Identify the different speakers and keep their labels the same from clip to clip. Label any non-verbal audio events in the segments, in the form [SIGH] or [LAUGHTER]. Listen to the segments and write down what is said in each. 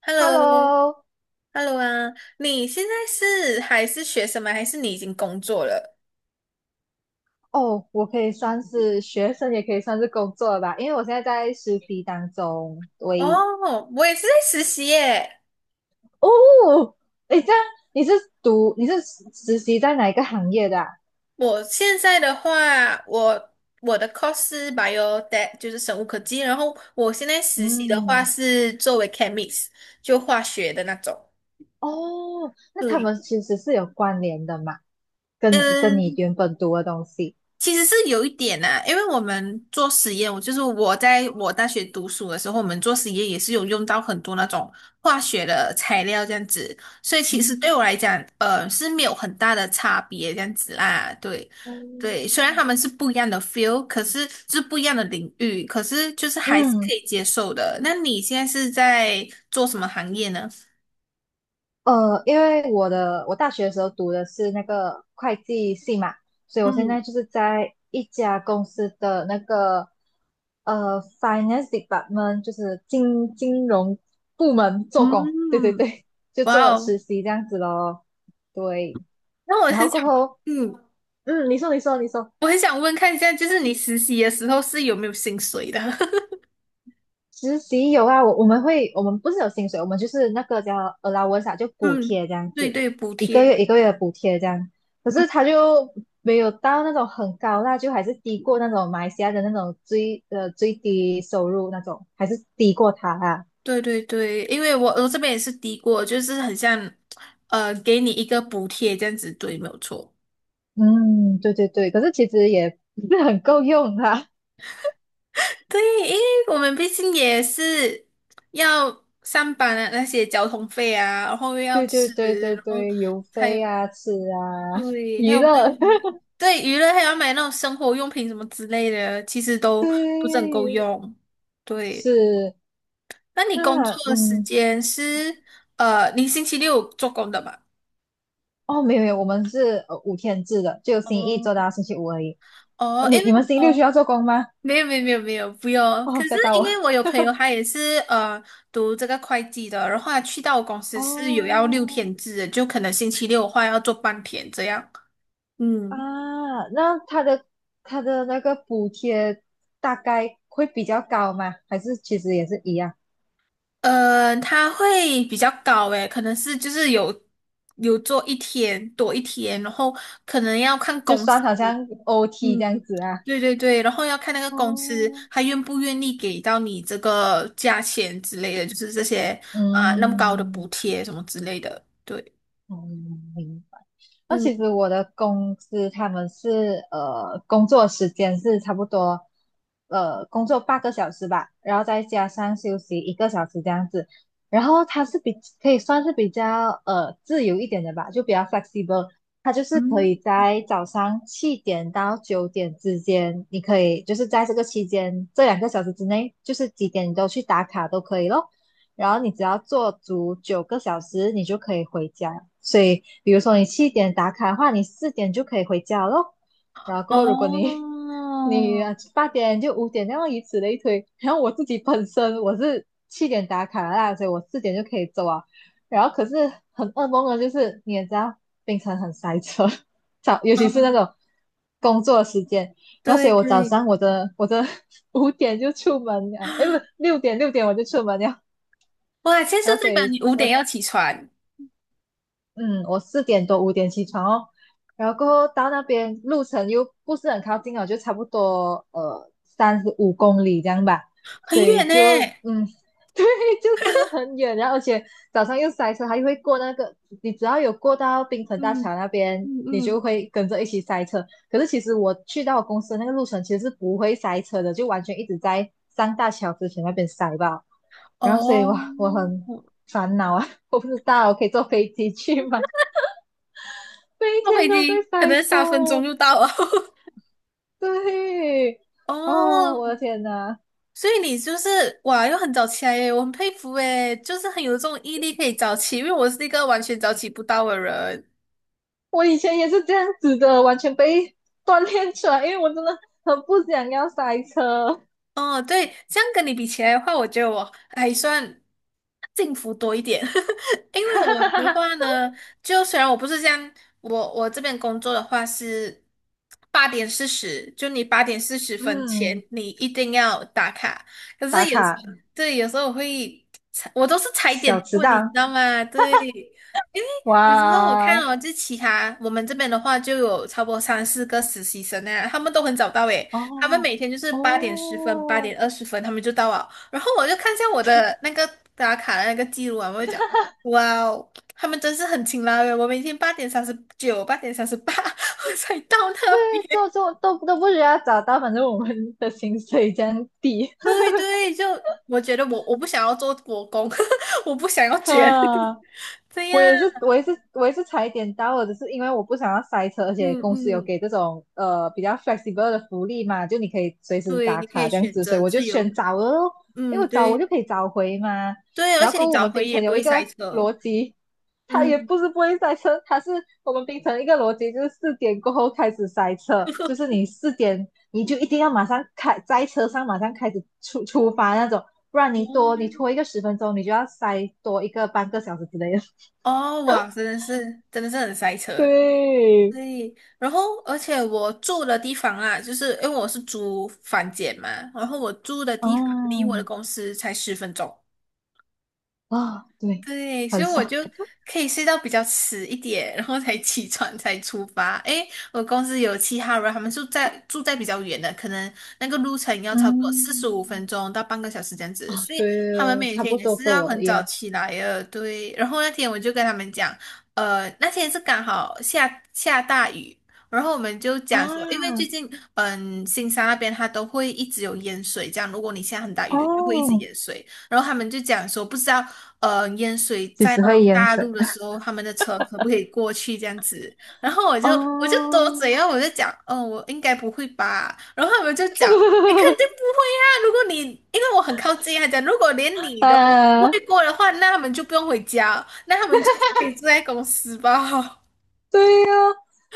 Speaker 1: Hello，Hello，
Speaker 2: Hello。
Speaker 1: 啊，你现在是还是学生吗？还是你已经工作了？
Speaker 2: 哦，我可以算是学生，也可以算是工作了吧，因为我现在在实习当中。喂。
Speaker 1: 哦，我也是在实习耶。
Speaker 2: 哦。诶，这样你是你是实习在哪一个行业的啊？
Speaker 1: 我现在的话，我的 course 是 biotech，就是生物科技，然后我现在实习的话
Speaker 2: 嗯。
Speaker 1: 是作为 chemist，就化学的那种。
Speaker 2: 哦，那他
Speaker 1: 对。
Speaker 2: 们其实是有关联的嘛，跟你
Speaker 1: 嗯。
Speaker 2: 原本读的东西。
Speaker 1: 其实是有一点呐、因为我们做实验，我就是我在我大学读书的时候，我们做实验也是有用到很多那种化学的材料这样子，所以其实
Speaker 2: 嗯。
Speaker 1: 对我来讲，是没有很大的差别这样子啦。对，
Speaker 2: 哦。
Speaker 1: 对，虽然他们是不一样的 feel，可是是不一样的领域，可是就是还是可
Speaker 2: 嗯。
Speaker 1: 以接受的。那你现在是在做什么行业呢？
Speaker 2: 因为我大学的时候读的是那个会计系嘛，所以我现
Speaker 1: 嗯
Speaker 2: 在就是在一家公司的那个finance department，就是金融部门做工。对对
Speaker 1: 嗯，
Speaker 2: 对，就
Speaker 1: 哇
Speaker 2: 做
Speaker 1: 哦，
Speaker 2: 实习这样子咯。对。
Speaker 1: 那我
Speaker 2: 然后
Speaker 1: 很
Speaker 2: 过
Speaker 1: 想，
Speaker 2: 后，
Speaker 1: 嗯，
Speaker 2: 嗯，你说你说你说。
Speaker 1: 我很想问看一下，就是你实习的时候是有没有薪水的？[LAUGHS]
Speaker 2: 实习有啊，我们会，我们不是有薪水，我们就是那个叫 allowance 啊，就补
Speaker 1: 嗯，
Speaker 2: 贴这样
Speaker 1: 对
Speaker 2: 子，
Speaker 1: 对，补
Speaker 2: 一个
Speaker 1: 贴，
Speaker 2: 月一个月的补贴这样。可
Speaker 1: 嗯，
Speaker 2: 是他就没有到那种很高啦，就还是低过那种马来西亚的那种最低收入那种，还是低过他啊。
Speaker 1: 对对对，因为我这边也是低过，就是很像，给你一个补贴这样子，对，没有错。
Speaker 2: 嗯，对对对，可是其实也不是很够用啦。
Speaker 1: 对，因为我们毕竟也是要上班啊，那些交通费啊，然后又要
Speaker 2: 对对
Speaker 1: 吃，
Speaker 2: 对对
Speaker 1: 然后
Speaker 2: 对，[LAUGHS] 邮
Speaker 1: 还有
Speaker 2: 费啊，吃啊，
Speaker 1: 对，还
Speaker 2: 娱
Speaker 1: 有还有
Speaker 2: 乐。
Speaker 1: 什么对，娱乐还要买那种生活用品什么之类的，其实
Speaker 2: [LAUGHS] 对。
Speaker 1: 都不是很够用。对。
Speaker 2: 是。
Speaker 1: 那你工
Speaker 2: 那
Speaker 1: 作的时间是你星期六做工的吧？
Speaker 2: 哦，没有没有，我们是5天制的，就星期一做
Speaker 1: 哦，
Speaker 2: 到星期五而已。
Speaker 1: 哦，因
Speaker 2: 你
Speaker 1: 为
Speaker 2: 你们星期六需
Speaker 1: 哦，
Speaker 2: 要做工吗？
Speaker 1: 没有没有没有没有，不用。
Speaker 2: 哦，
Speaker 1: 可是
Speaker 2: 吓到
Speaker 1: 因
Speaker 2: 我。
Speaker 1: 为我有朋友，他也是读这个会计的，然后他去到我公司是有要六
Speaker 2: 哦
Speaker 1: 天制的，就可能星期六的话要做半天这样。嗯，
Speaker 2: 啊，那他的那个补贴大概会比较高吗？还是其实也是一样，
Speaker 1: 他会比较高诶，可能是就是有做一天多一天，然后可能要看
Speaker 2: 就
Speaker 1: 公司，
Speaker 2: 算好像 OT
Speaker 1: 嗯，
Speaker 2: 这样子啊？
Speaker 1: 对对对，然后要看那个公司
Speaker 2: 哦，
Speaker 1: 他愿不愿意给到你这个价钱之类的，就是这些啊、那么高的补
Speaker 2: 嗯。
Speaker 1: 贴什么之类的。对，
Speaker 2: 嗯，明白。那其实
Speaker 1: 嗯，
Speaker 2: 我的公司他们是工作时间是差不多，工作8个小时吧，然后再加上休息1个小时这样子。然后它是可以算是比较自由一点的吧，就比较 flexible。它就是可
Speaker 1: 嗯，
Speaker 2: 以在早上7点到9点之间，你可以就是在这个期间这2个小时之内，就是几点你都去打卡都可以咯。然后你只要做足9个小时，你就可以回家。所以，比如说你七点打卡的话，你四点就可以回家咯。然后过后，如果你 [LAUGHS] 你
Speaker 1: 哦，
Speaker 2: 八点就五点那样以此类推。然后我自己本身我是七点打卡啦，所以我四点就可以走啊。然后可是很噩梦的就是你也知道，槟城很塞车。[LAUGHS] 尤其是那
Speaker 1: 嗯，
Speaker 2: 种工作时间。然后所
Speaker 1: 对
Speaker 2: 以我早
Speaker 1: 对，
Speaker 2: 上我的 [LAUGHS] 五点就出门了，哎不是六点我就出门了，
Speaker 1: 哇，现在是
Speaker 2: 然后所
Speaker 1: 代表
Speaker 2: 以
Speaker 1: 你五
Speaker 2: 我
Speaker 1: 点要起床，
Speaker 2: 嗯，我四点多五点起床哦，然后过后到那边路程又不是很靠近哦，就差不多35公里这样吧，
Speaker 1: 很
Speaker 2: 所以
Speaker 1: 远呢。
Speaker 2: 就[LAUGHS]，对，就真的很远，然后而且早上又塞车，还会过那个，你只要有过到槟城大
Speaker 1: 嗯
Speaker 2: 桥那边，
Speaker 1: 嗯
Speaker 2: 你就
Speaker 1: 嗯，
Speaker 2: 会跟着一起塞车。可是其实我去到我公司的那个路程其实是不会塞车的，就完全一直在上大桥之前那边塞吧。然后所以
Speaker 1: 哦，
Speaker 2: 我很烦恼啊。[LAUGHS] 我不知道我可以坐飞机去吗？每一
Speaker 1: 坐
Speaker 2: 天
Speaker 1: 飞
Speaker 2: 都在
Speaker 1: 机可
Speaker 2: 塞
Speaker 1: 能3分钟
Speaker 2: 车。
Speaker 1: 就到了。[LAUGHS]
Speaker 2: 对。哦，我的
Speaker 1: 哦，
Speaker 2: 天呐。
Speaker 1: 所以你就是哇，又很早起来耶，我很佩服诶，就是很有这种毅力可以早起，因为我是一个完全早起不到的人。
Speaker 2: 我以前也是这样子的，完全被锻炼出来，因为我真的很不想要塞车。
Speaker 1: 哦，对，这样跟你比起来的话，我觉得我还算幸福多一点，[LAUGHS] 因为我的
Speaker 2: [LAUGHS]
Speaker 1: 话呢，就虽然我不是这样，我这边工作的话是八点四十，就你8:40
Speaker 2: 嗯，
Speaker 1: 前你一定要打卡，可
Speaker 2: 打
Speaker 1: 是有时
Speaker 2: 卡
Speaker 1: 候对，有时候我会踩，我都是踩
Speaker 2: 小
Speaker 1: 点
Speaker 2: 迟
Speaker 1: 问，你知
Speaker 2: 到，
Speaker 1: 道吗？对，因为
Speaker 2: 哇，
Speaker 1: 有时候我看哦，就其他我们这边的话就有差不多三四个实习生啊，他们都很早到诶。他们
Speaker 2: 哦
Speaker 1: 每天就是8:10、八
Speaker 2: 哦，
Speaker 1: 点二十分，他们就到了。然后我就看一下我的那个打卡的那个记录啊，我就讲，哇哦，他们真是很勤劳耶！我每天8:39、8:38 [LAUGHS] 我才到那边。
Speaker 2: 做都不需要找到，反正我们的薪水这样低。
Speaker 1: 对对，就我觉得我不想要做国公，[LAUGHS] 我不想要
Speaker 2: [LAUGHS]
Speaker 1: 卷，
Speaker 2: 啊。
Speaker 1: [LAUGHS] 这
Speaker 2: 我
Speaker 1: 样，
Speaker 2: 也是，我也是，我也是踩点到了，只是因为我不想要塞车，而且
Speaker 1: 嗯
Speaker 2: 公司有
Speaker 1: 嗯，
Speaker 2: 给这种比较 flexible 的福利嘛，就你可以随时
Speaker 1: 对，
Speaker 2: 打
Speaker 1: 你可
Speaker 2: 卡
Speaker 1: 以
Speaker 2: 这样
Speaker 1: 选
Speaker 2: 子，所
Speaker 1: 择
Speaker 2: 以我就
Speaker 1: 自由，
Speaker 2: 选早了咯。因
Speaker 1: 嗯，
Speaker 2: 为我早我
Speaker 1: 对
Speaker 2: 就可以早回嘛。
Speaker 1: 对，而
Speaker 2: 然后
Speaker 1: 且你
Speaker 2: 跟我
Speaker 1: 早
Speaker 2: 们
Speaker 1: 回
Speaker 2: 槟
Speaker 1: 也
Speaker 2: 城
Speaker 1: 不
Speaker 2: 有
Speaker 1: 会
Speaker 2: 一
Speaker 1: 塞
Speaker 2: 个
Speaker 1: 车，
Speaker 2: 逻辑，它也
Speaker 1: 嗯。
Speaker 2: 不是不会塞车，它是我们槟城一个逻辑就是四点过后开始塞车，就是你四点你就一定要马上开在车上马上开始出发那种，不然你拖一个10分钟，你就要塞多一个半个小时之类的。
Speaker 1: 哦，哇，真的是，真的是很塞车。
Speaker 2: [LAUGHS] 对，
Speaker 1: 对，然后而且我住的地方啊，就是因为我是租房间嘛，然后我住的
Speaker 2: 啊
Speaker 1: 地方离我的公司才10分钟，
Speaker 2: 啊，对，
Speaker 1: 对，所
Speaker 2: 很
Speaker 1: 以我
Speaker 2: 爽。
Speaker 1: 就可以睡到比较迟一点，然后才起床才出发。诶，我公司有其他人，他们住在比较远的，可能那个路程
Speaker 2: [LAUGHS]
Speaker 1: 要超过四十五
Speaker 2: 嗯，
Speaker 1: 分钟到半个小时这样子，
Speaker 2: 啊，
Speaker 1: 所以
Speaker 2: 对
Speaker 1: 他们
Speaker 2: 哦，
Speaker 1: 每
Speaker 2: 差
Speaker 1: 天
Speaker 2: 不
Speaker 1: 也
Speaker 2: 多
Speaker 1: 是
Speaker 2: 跟
Speaker 1: 要
Speaker 2: 我
Speaker 1: 很
Speaker 2: 一
Speaker 1: 早
Speaker 2: 样
Speaker 1: 起来的。对，然后那天我就跟他们讲，那天是刚好下大雨。然后我们就讲说，因为最
Speaker 2: 啊。
Speaker 1: 近，嗯，新山那边它都会一直有淹水，这样如果你下很大
Speaker 2: 哦，
Speaker 1: 雨，就会一直淹水。然后他们就讲说，不知道淹水
Speaker 2: 几
Speaker 1: 在
Speaker 2: 时
Speaker 1: 那种
Speaker 2: 会淹
Speaker 1: 大
Speaker 2: 水？
Speaker 1: 陆的时候，他们的车可不可以过去这样子？然后我就多嘴啊，
Speaker 2: 哦。
Speaker 1: 我就讲，哦，我应该不会吧？然后他们就讲，你肯定
Speaker 2: [LAUGHS]
Speaker 1: 不会啊！如果你因为我很靠近啊，他讲如果连你都不
Speaker 2: 啊，
Speaker 1: 会过的话，那他们就不用回家，那他们就是可以住在公司吧？[LAUGHS]
Speaker 2: 对呀、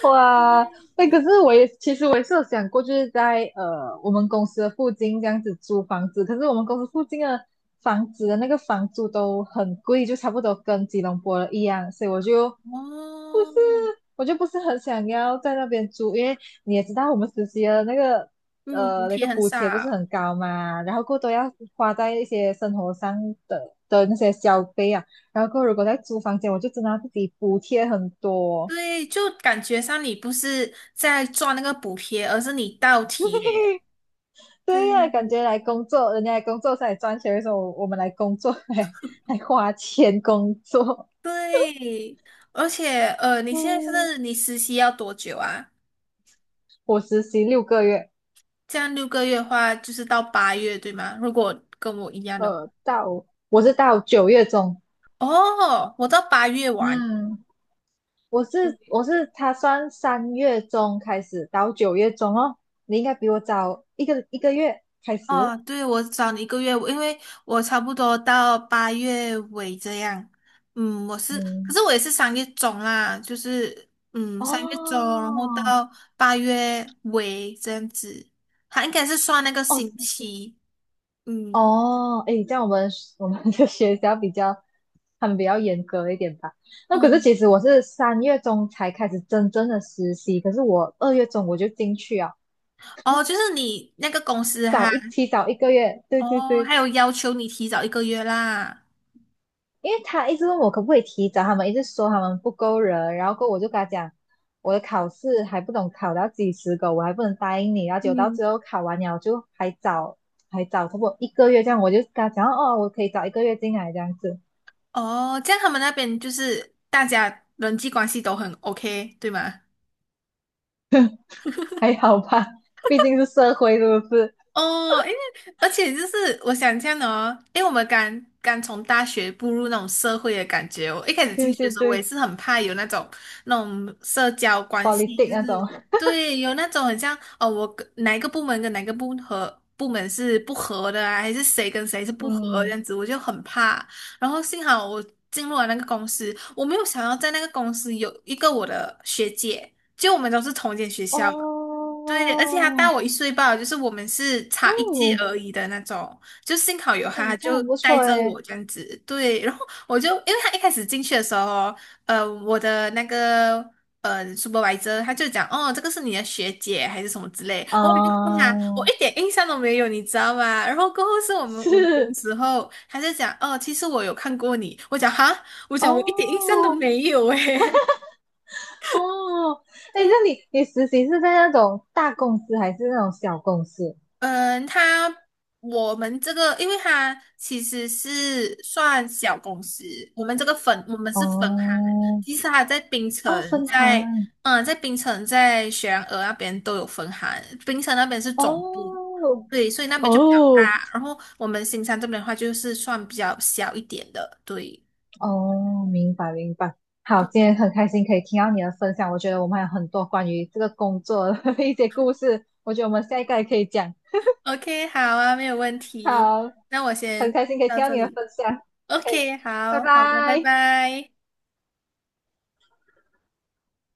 Speaker 2: 哇。那可是其实我也是有想过，就是在我们公司的附近这样子租房子，可是我们公司附近的房子的那个房租都很贵，就差不多跟吉隆坡的一样，所以不是
Speaker 1: 哦，
Speaker 2: 我就不是很想要在那边租，因为你也知道我们实习的那个
Speaker 1: 嗯，补
Speaker 2: 呃那
Speaker 1: 贴
Speaker 2: 个
Speaker 1: 很
Speaker 2: 补贴不是
Speaker 1: 少，
Speaker 2: 很高嘛，然后过多要花在一些生活上的那些消费啊，然后过后如果在租房间，我就真的要自己补贴很多。
Speaker 1: 对，就感觉上你不是在赚那个补贴，而是你倒贴，
Speaker 2: [LAUGHS] 对呀、
Speaker 1: 对。
Speaker 2: 感觉来工作，人家来工作是来赚钱，的时候，我们来工作 [LAUGHS] 还花钱工作？
Speaker 1: 对，而且你现在
Speaker 2: 嗯，
Speaker 1: 是你实习要多久啊？
Speaker 2: 我实习6个月。
Speaker 1: 这样6个月的话，就是到八月，对吗？如果跟我一样的话
Speaker 2: 我是到九月中。
Speaker 1: 哦，我到八月完。
Speaker 2: 嗯。我是
Speaker 1: 对
Speaker 2: 我是他算三月中开始到九月中哦。你应该比我早一个月开始。
Speaker 1: 哦，对，我找你一个月，因为我差不多到八月尾这样。嗯，我是，可
Speaker 2: 嗯，
Speaker 1: 是我也是三月中啦，就是三月中，然后
Speaker 2: 哦
Speaker 1: 到八月尾这样子，它应该是算那个
Speaker 2: 哦
Speaker 1: 星
Speaker 2: 对
Speaker 1: 期。嗯。
Speaker 2: 哦，诶，这样我们的学校比较他们比较严格一点吧。那可是
Speaker 1: 嗯
Speaker 2: 其实我是三月中才开始真正的实习，可是我2月中我就进去啊，
Speaker 1: 哦，就是你那个公司哈，
Speaker 2: 提早一个月。对对
Speaker 1: 哦，还
Speaker 2: 对。
Speaker 1: 有要求你提早一个月啦。
Speaker 2: 因为他一直问我可不可以提早，他们一直说他们不够人，然后过后我就跟他讲，我的考试还不懂考到几十个，我还不能答应你，然后结果到
Speaker 1: 嗯。
Speaker 2: 最后考完了就还早，还早差不多一个月这样，我就跟他讲哦，我可以早一个月进来这样子。
Speaker 1: 哦，这样他们那边就是大家人际关系都很 OK，对吗？
Speaker 2: 还好吧，毕竟是社会是不是？
Speaker 1: 哦，因为而且就是我想这样的哦，因为我们刚刚从大学步入那种社会的感觉哦，我一开始进
Speaker 2: 对
Speaker 1: 去的
Speaker 2: 对
Speaker 1: 时候，我也
Speaker 2: 对
Speaker 1: 是很怕有那种社交关系，
Speaker 2: ，politic
Speaker 1: 就
Speaker 2: 那种，
Speaker 1: 是对，有那种很像哦，我跟哪一个部门跟哪一个部和部门是不合的啊，还是谁跟谁是不合这
Speaker 2: 嗯，
Speaker 1: 样子，我就很怕。然后幸好我进入了那个公司，我没有想要在那个公司有一个我的学姐，就我们都是同一间学校。
Speaker 2: 哦
Speaker 1: 对，而且他大我一岁半，就是我们是差一届
Speaker 2: 哦
Speaker 1: 而已的那种，就幸好有他，
Speaker 2: 哦，
Speaker 1: 他
Speaker 2: 这
Speaker 1: 就
Speaker 2: 样不
Speaker 1: 带
Speaker 2: 错
Speaker 1: 着我
Speaker 2: 诶。
Speaker 1: 这样子。对，然后我就因为他一开始进去的时候，我的那个supervisor 他就讲，哦，这个是你的学姐还是什么之类，然后我就问他，我一
Speaker 2: 嗯，
Speaker 1: 点印象都没有，你知道吗？然后过后是我们午休
Speaker 2: 是
Speaker 1: 时候，他就讲，哦，其实我有看过你，我讲哈，我讲我一点印象都
Speaker 2: 哦。
Speaker 1: 没有诶。
Speaker 2: 哦，哎，
Speaker 1: [LAUGHS]
Speaker 2: 那你实习是在那种大公司还是那种小公司？
Speaker 1: 嗯，我们这个，因为他其实是算小公司，我们是分行，
Speaker 2: 哦，
Speaker 1: 其实他
Speaker 2: 哦，分行。
Speaker 1: 在槟城在雪兰莪那边都有分行，槟城那边是总部，
Speaker 2: 哦，
Speaker 1: 对，所以那边就比较
Speaker 2: 哦，
Speaker 1: 大，然后我们新山这边的话就是算比较小一点的，对
Speaker 2: 哦，明白明白。好，今天
Speaker 1: 对
Speaker 2: 很开心可以听到你的分享，我觉得我们还有很多关于这个工作的 [LAUGHS] 一些故事，我觉得我们下一个也可以讲。
Speaker 1: ，OK，好啊，没有问题，
Speaker 2: 好，
Speaker 1: 那我
Speaker 2: 很
Speaker 1: 先
Speaker 2: 开心可以
Speaker 1: 到
Speaker 2: 听到
Speaker 1: 这
Speaker 2: 你的
Speaker 1: 里
Speaker 2: 分享，
Speaker 1: ，OK，
Speaker 2: 拜
Speaker 1: 好好的，拜
Speaker 2: 拜。
Speaker 1: 拜。